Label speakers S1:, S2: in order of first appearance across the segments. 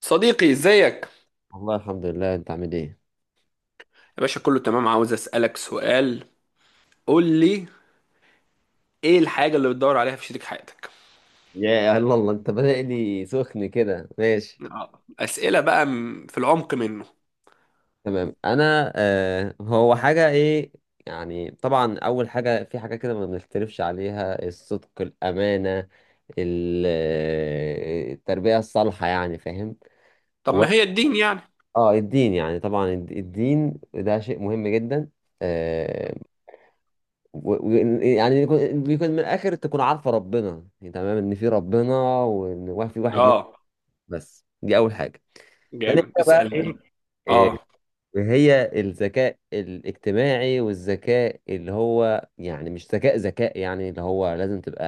S1: صديقي، ازيك؟
S2: والله الحمد لله، انت عامل ايه؟
S1: يا باشا كله تمام. عاوز اسالك سؤال. قول لي ايه الحاجه اللي بتدور عليها في شريك حياتك.
S2: يا الله الله، انت بادئ لي سخن كده. ماشي
S1: اه، اسئله بقى في العمق منه.
S2: تمام. انا هو حاجه ايه؟ يعني طبعا اول حاجه، في حاجه كده ما بنختلفش عليها، الصدق، الامانه، التربيه الصالحه، يعني فاهم.
S1: طب
S2: و...
S1: ما هي الدين يعني؟
S2: اه، الدين يعني طبعا، الدين ده شيء مهم جدا. آه و... و... يعني يكون من الاخر تكون عارفه ربنا، يعني تمام، ان في ربنا وان في واحد منه.
S1: اه،
S2: بس دي اول حاجه. تاني
S1: جامد،
S2: حاجة بقى
S1: اسال.
S2: ايه؟ إيه،
S1: اه،
S2: هي الذكاء الاجتماعي، والذكاء اللي هو يعني مش ذكاء، يعني اللي هو لازم تبقى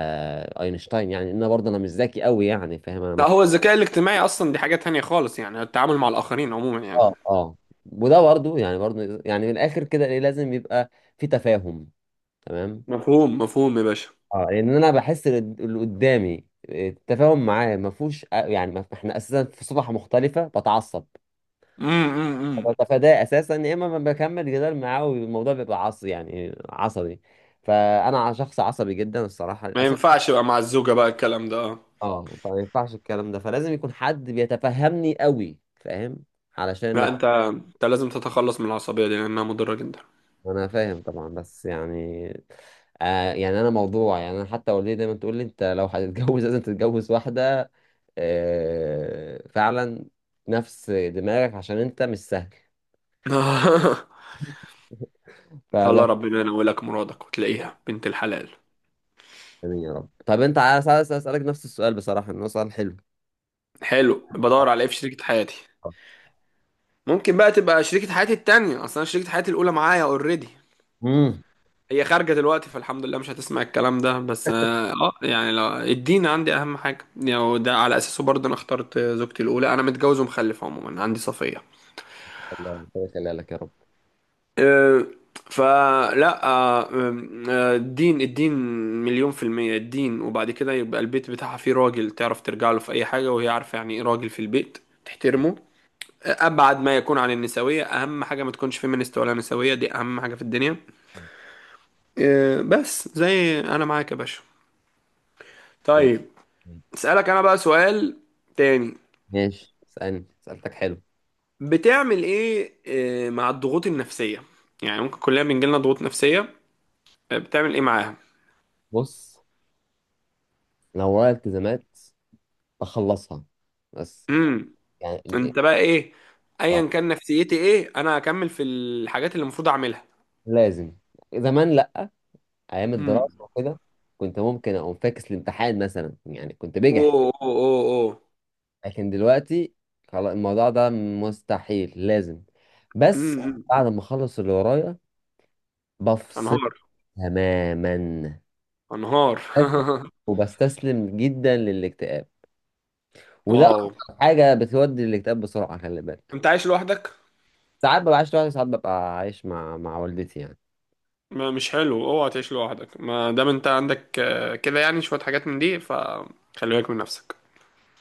S2: اينشتاين. يعني انا برضه انا مش ذكي قوي يعني، فاهم؟
S1: لا، هو الذكاء الاجتماعي اصلا دي حاجه تانية خالص، يعني التعامل مع الاخرين عموما يعني.
S2: اه اه. وده برضه يعني، برضه يعني من الاخر كده، ايه لازم يبقى في تفاهم. تمام.
S1: مفهوم مفهوم يا باشا.
S2: اه، لان انا بحس اللي قدامي التفاهم معاه ما فيهوش، يعني ما احنا اساسا في صفحة مختلفة. بتعصب،
S1: امم.
S2: بتفاداه اساسا، يا اما ما بكمل جدال معاه والموضوع بيبقى عصبي، يعني عصبي. فانا شخص عصبي جدا الصراحه،
S1: ما
S2: للاسف.
S1: ينفعش بقى مع الزوجه بقى الكلام ده، اه.
S2: اه، فما ينفعش الكلام ده، فلازم يكون حد بيتفهمني قوي، فاهم؟ علشان
S1: لا،
S2: نت...
S1: انت لازم تتخلص من العصبيه دي لانها مضره جدا.
S2: انا فاهم طبعا، بس يعني آه، يعني انا موضوع، يعني انا حتى والدتي دايما تقول لي: انت لو هتتجوز لازم تتجوز واحده، آه فعلا، نفس دماغك، عشان انت مش سهل.
S1: الله،
S2: فبس.
S1: ربنا ينولك مرادك وتلاقيها بنت الحلال.
S2: آمين يا رب. طب انت عايز اسالك نفس السؤال، بصراحه انه سؤال حلو.
S1: حلو، بدور على ايه في شريكة حياتي. ممكن بقى تبقى شريكة حياتي التانية، اصلا شريكة حياتي الاولى معايا اوريدي.
S2: امم
S1: هي خارجة دلوقتي فالحمد لله مش هتسمع الكلام ده. بس اه، يعني لو الدين عندي اهم حاجة يعني، وده على اساسه برضه انا اخترت زوجتي الاولى. انا متجوز ومخلف، عموما عندي صفية.
S2: الله ربنا يخليك يا رب.
S1: أه، فلا. أه، أه، الدين الدين، 1,000,000% الدين. وبعد كده يبقى البيت بتاعها فيه راجل تعرف ترجع له في أي حاجة، وهي عارفة يعني إيه راجل في البيت. تحترمه. أبعد ما يكون عن النسوية، أهم حاجة ما تكونش فيمينيست ولا نسوية، دي أهم حاجة في الدنيا. بس زي أنا، معاك يا باشا.
S2: مم.
S1: طيب.
S2: مم.
S1: أسألك أنا بقى سؤال تاني.
S2: ماشي، اسألني، سألتك حلو.
S1: بتعمل إيه مع الضغوط النفسية؟ يعني ممكن كلنا بنجيلنا ضغوط نفسية. بتعمل إيه معاها؟
S2: بص، لو ورايا التزامات، بخلصها بس.
S1: امم.
S2: يعني ال- إيه؟
S1: أنت بقى إيه؟
S2: اه،
S1: أيا كان نفسيتي إيه، أنا هكمل في الحاجات اللي المفروض أعملها.
S2: لازم. زمان لا، ايام
S1: امم.
S2: الدراسة وكده كنت ممكن اقوم فاكس الامتحان مثلا، يعني كنت
S1: أوه
S2: بجح.
S1: أوه أوه أوه.
S2: لكن دلوقتي خلاص، الموضوع ده مستحيل، لازم بس
S1: امم. أمم.
S2: بعد ما اخلص اللي ورايا بفصل
S1: أنهار.
S2: تماما.
S1: أنهار.
S2: بس- وبستسلم جدا للاكتئاب، وده
S1: واو.
S2: اكتر حاجه بتودي الاكتئاب بسرعه، خلي بالك.
S1: أنت عايش لوحدك؟
S2: ساعات ببقى عايش لوحدي، ساعات ببقى عايش مع والدتي يعني.
S1: ما مش حلو، اوعى تعيش لوحدك، ما دام انت عندك كده يعني شوية حاجات من دي، فخلي بالك من نفسك.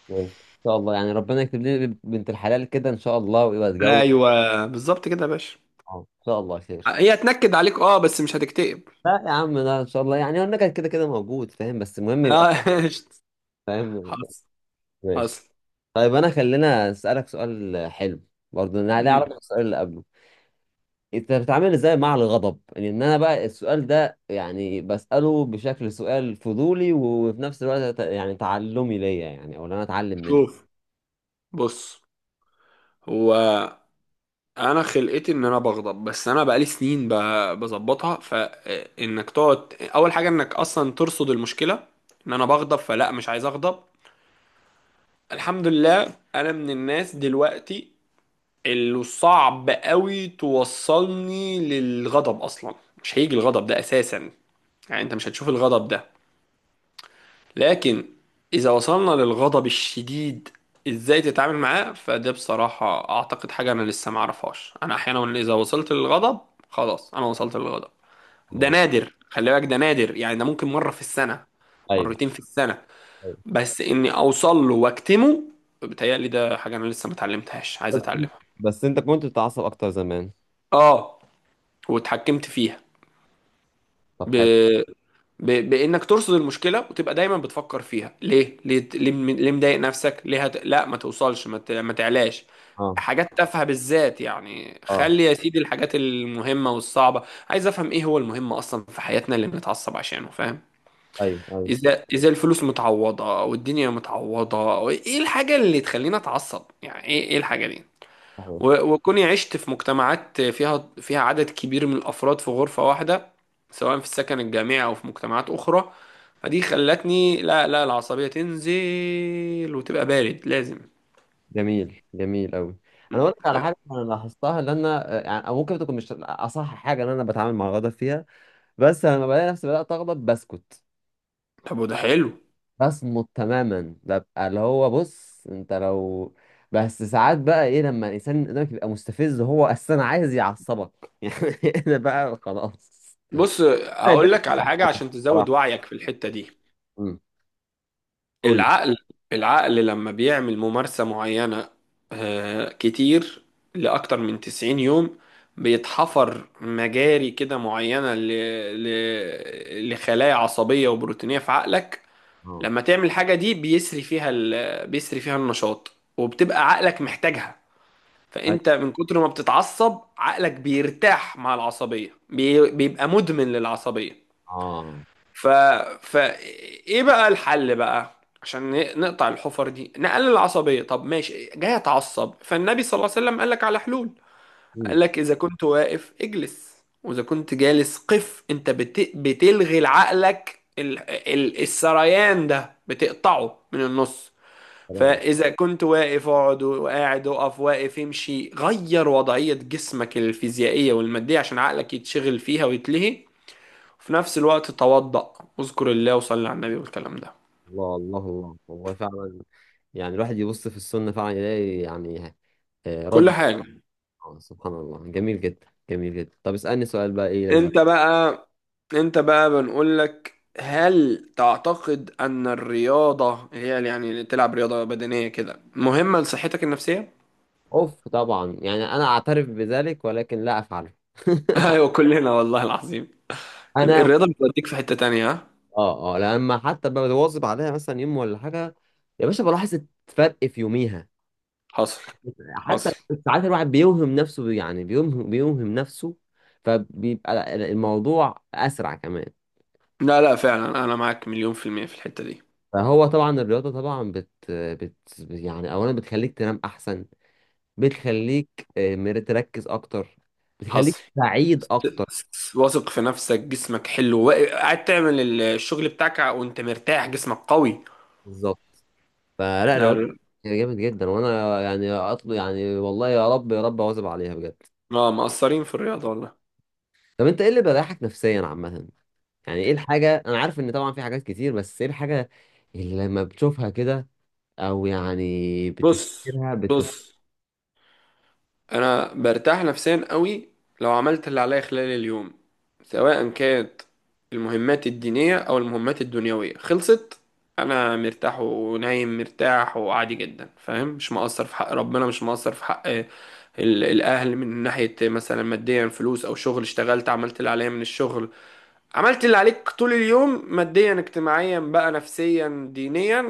S2: ماشي. ان شاء الله، يعني ربنا يكتب لي بنت الحلال كده ان شاء الله ويبقى اتجوز.
S1: ايوه، بالظبط كده يا باشا.
S2: اه ان شاء الله خير.
S1: هي هتنكد عليك اه، بس مش هتكتئب.
S2: لا يا عم لا، ان شاء الله. يعني هو النكد كده كده موجود، فاهم، بس المهم يبقى
S1: اه.
S2: فاهم.
S1: حصل.
S2: ماشي.
S1: حصل.
S2: طيب انا خلينا اسالك سؤال حلو، برضه انا ليه علاقه
S1: مم.
S2: بالسؤال اللي قبله. انت بتتعامل ازاي مع الغضب؟ يعني ان انا بقى السؤال ده يعني بسأله بشكل سؤال فضولي، وفي نفس الوقت يعني تعلمي ليا، يعني او ان انا اتعلم منه.
S1: شوف. بص. هو انا خلقتي ان انا بغضب، بس انا بقالي سنين بظبطها. فانك تقعد اول حاجه انك اصلا ترصد المشكله. ان انا بغضب فلا، مش عايز اغضب. الحمد لله، انا من الناس دلوقتي اللي صعب قوي توصلني للغضب اصلا. مش هيجي الغضب ده اساسا. يعني انت مش هتشوف الغضب ده. لكن اذا وصلنا للغضب الشديد، ازاي تتعامل معاه؟ فده بصراحة اعتقد حاجة انا لسه ما اعرفهاش. انا احيانا اذا وصلت للغضب، خلاص انا وصلت للغضب. ده
S2: طبعا.
S1: نادر خلي بالك، ده نادر. يعني ده ممكن مرة في السنة،
S2: ايوه
S1: مرتين في السنة.
S2: ايوه.
S1: بس اني اوصل له واكتمه، بتهيألي ده حاجة انا لسه ما اتعلمتهاش، عايز
S2: بس انت
S1: اتعلمها.
S2: بس انت كنت بتتعصب اكتر زمان.
S1: اه. واتحكمت فيها
S2: طب
S1: ب...
S2: حلو.
S1: بانك ترصد المشكله، وتبقى دايما بتفكر فيها ليه ليه ليه، ليه مضايق نفسك، ليه لا ما توصلش، ما تعلاش
S2: اه
S1: حاجات تافهه بالذات. يعني
S2: اه.
S1: خلي يا سيدي الحاجات المهمه والصعبه. عايز افهم ايه هو المهم اصلا في حياتنا اللي بنتعصب عشانه، فاهم؟
S2: ايوه ايوه.
S1: اذا الفلوس متعوضه والدنيا متعوضه، ايه الحاجه اللي تخلينا اتعصب؟ يعني ايه، ايه الحاجه دي؟
S2: صحيح.
S1: وكوني عشت في مجتمعات فيها عدد كبير من الأفراد في غرفة واحدة، سواء في السكن الجامعي أو في مجتمعات أخرى، فدي خلتني، لا لا، العصبية تنزل وتبقى بارد، لازم.
S2: جميل جميل قوي. انا اقول لك على
S1: ف-
S2: حاجه انا لاحظتها، لان انا آه، يعني أو ممكن تكون مش اصح حاجه ان انا بتعامل مع الغضب فيها، بس انا لما بلاقي نفسي بدات اغضب بسكت،
S1: طب وده حلو.
S2: بصمت تماما، ببقى اللي هو بص انت لو. بس ساعات بقى ايه، لما الانسان اللي قدامك يبقى مستفز، هو اساسا عايز يعصبك يعني انا بقى خلاص.
S1: بص
S2: أنا ده
S1: هقول لك على حاجة عشان تزود
S2: بصراحة.
S1: وعيك في الحتة دي.
S2: امم قول لي.
S1: العقل، العقل لما بيعمل ممارسة معينة كتير لأكتر من 90 يوم، بيتحفر مجاري كده معينة لخلايا عصبية وبروتينية في عقلك.
S2: اه.
S1: لما تعمل حاجة دي بيسري فيها بيسري فيها النشاط، وبتبقى عقلك محتاجها.
S2: أي-
S1: فأنت من كتر ما بتتعصب عقلك بيرتاح مع العصبية، بيبقى مدمن للعصبية.
S2: اه.
S1: ف... ف ايه بقى الحل بقى، عشان نقطع الحفر دي، نقلل العصبية. طب ماشي جاي اتعصب، فالنبي صلى الله عليه وسلم قال لك على حلول.
S2: امم
S1: قال لك اذا كنت واقف اجلس، واذا كنت جالس قف. انت بتلغي لعقلك السريان ده، بتقطعه من النص.
S2: تمام.
S1: فاذا كنت واقف اقعد، وقاعد اقف، واقف امشي. غير وضعية جسمك الفيزيائية والمادية عشان عقلك يتشغل فيها ويتلهي. في نفس الوقت توضأ، اذكر الله وصلي على النبي والكلام ده.
S2: الله الله الله، والله فعلا. يعني الواحد يبص في السنة فعلا يلاقي يعني آه،
S1: كل
S2: رد.
S1: حاجة.
S2: آه، سبحان الله. جميل جدا جميل جدا. طب اسألني سؤال بقى ايه لذيذ.
S1: انت بقى، انت بقى بنقول لك، هل تعتقد ان الرياضة هي يعني اللي تلعب رياضة بدنية كده مهمة لصحتك النفسية؟
S2: اوف طبعا، يعني انا اعترف بذلك ولكن لا افعله
S1: ايوه، كلنا والله العظيم. كل
S2: انا
S1: الرياضة بتوديك في حتة تانية، ها؟
S2: اه اه، لما حتى بواظب عليها مثلا يوم ولا حاجه، يا باشا بلاحظ الفرق في يوميها
S1: حصل.
S2: حتى.
S1: حصل.
S2: ساعات الواحد بيوهم نفسه، يعني بيوهم نفسه، فبيبقى الموضوع اسرع كمان.
S1: لا لا، فعلا انا معاك 1,000,000% في الحتة دي.
S2: فهو طبعا الرياضه طبعا بت، يعني اولا بتخليك تنام احسن، بتخليك آه، تركز اكتر، بتخليك
S1: حصل.
S2: سعيد اكتر.
S1: واثق في نفسك، جسمك حلو، قاعد تعمل الشغل بتاعك وانت مرتاح، جسمك قوي.
S2: بالظبط. فلا الرياضه جامد جدا، وانا يعني اطلب يعني والله يا رب يا رب اواظب عليها بجد.
S1: اه، مقصرين في الرياضة والله.
S2: طب انت ايه اللي بيريحك نفسيا عامة؟ يعني ايه الحاجة، انا عارف ان طبعا في حاجات كتير، بس ايه الحاجة اللي لما بتشوفها كده او يعني
S1: بص.
S2: بتفتكرها
S1: بص. انا برتاح نفسيا قوي لو عملت اللي عليا خلال اليوم، سواء كانت المهمات الدينية او المهمات الدنيوية خلصت، انا مرتاح ونايم مرتاح وعادي جدا، فاهم؟ مش مقصر في حق ربنا، مش مقصر في حق الاهل من ناحية مثلا ماديا، فلوس او شغل، اشتغلت عملت اللي عليا من الشغل. عملت اللي عليك طول اليوم ماديا، اجتماعيا بقى، نفسيا، دينيا،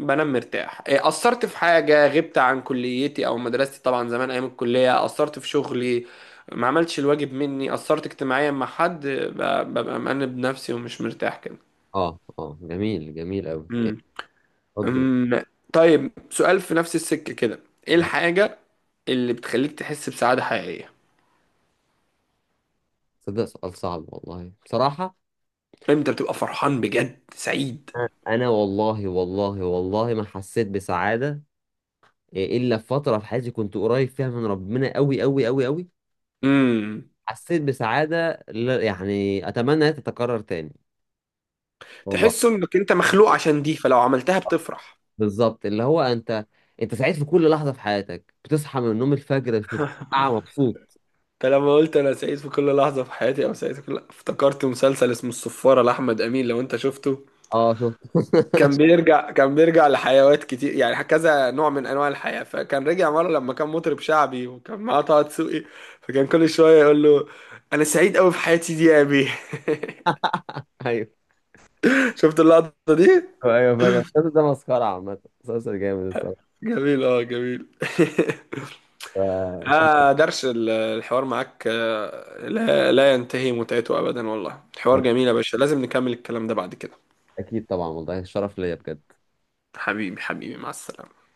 S1: بنام مرتاح. أثرت في حاجة، غبت عن كليتي أو مدرستي، طبعا زمان أيام الكلية، أثرت في شغلي، ما عملتش الواجب مني، أثرت اجتماعيا مع حد، ببقى مأنب نفسي ومش مرتاح كده.
S2: اه اه. جميل جميل اوي جميل.
S1: مم.
S2: اتفضل.
S1: أم، طيب، سؤال في نفس السكة كده. إيه الحاجة اللي بتخليك تحس بسعادة حقيقية؟
S2: صدق سؤال صعب والله بصراحة.
S1: إمتى بتبقى فرحان بجد سعيد؟
S2: انا والله والله والله ما حسيت بسعادة الا في فترة في حياتي كنت قريب فيها من ربنا اوي اوي اوي اوي.
S1: امم.
S2: حسيت بسعادة يعني اتمنى انها تتكرر تاني، والله.
S1: تحس انك انت مخلوق عشان دي، فلو عملتها بتفرح.
S2: بالظبط، اللي هو انت، انت سعيد في كل لحظه في حياتك، بتصحى من النوم الفجر بتبقى مبسوط.
S1: انت لما قلت انا سعيد في كل لحظه في حياتي او سعيد في كل، افتكرت مسلسل اسمه الصفاره لاحمد امين، لو انت شفته،
S2: اه شفت.
S1: كان بيرجع، كان بيرجع لحيوات كتير، يعني كذا نوع من انواع الحياه. فكان رجع مره لما كان مطرب شعبي وكان معاه طه دسوقي، فكان كل شويه يقول له، انا سعيد قوي في حياتي دي يا ابي.
S2: ايوه
S1: شفت اللقطه دي.
S2: ايوه، فاكر المسلسل ده، مسخره عامه، مسلسل جامد الصراحه.
S1: جميل، اه، جميل.
S2: ف-
S1: آه درش الحوار معاك، لا لا ينتهي متعته ابدا والله، حوار جميل يا باشا، لازم نكمل الكلام ده بعد كده.
S2: اكيد طبعا، والله الشرف ليا بجد.
S1: حبيبي، حبيبي، مع السلامة.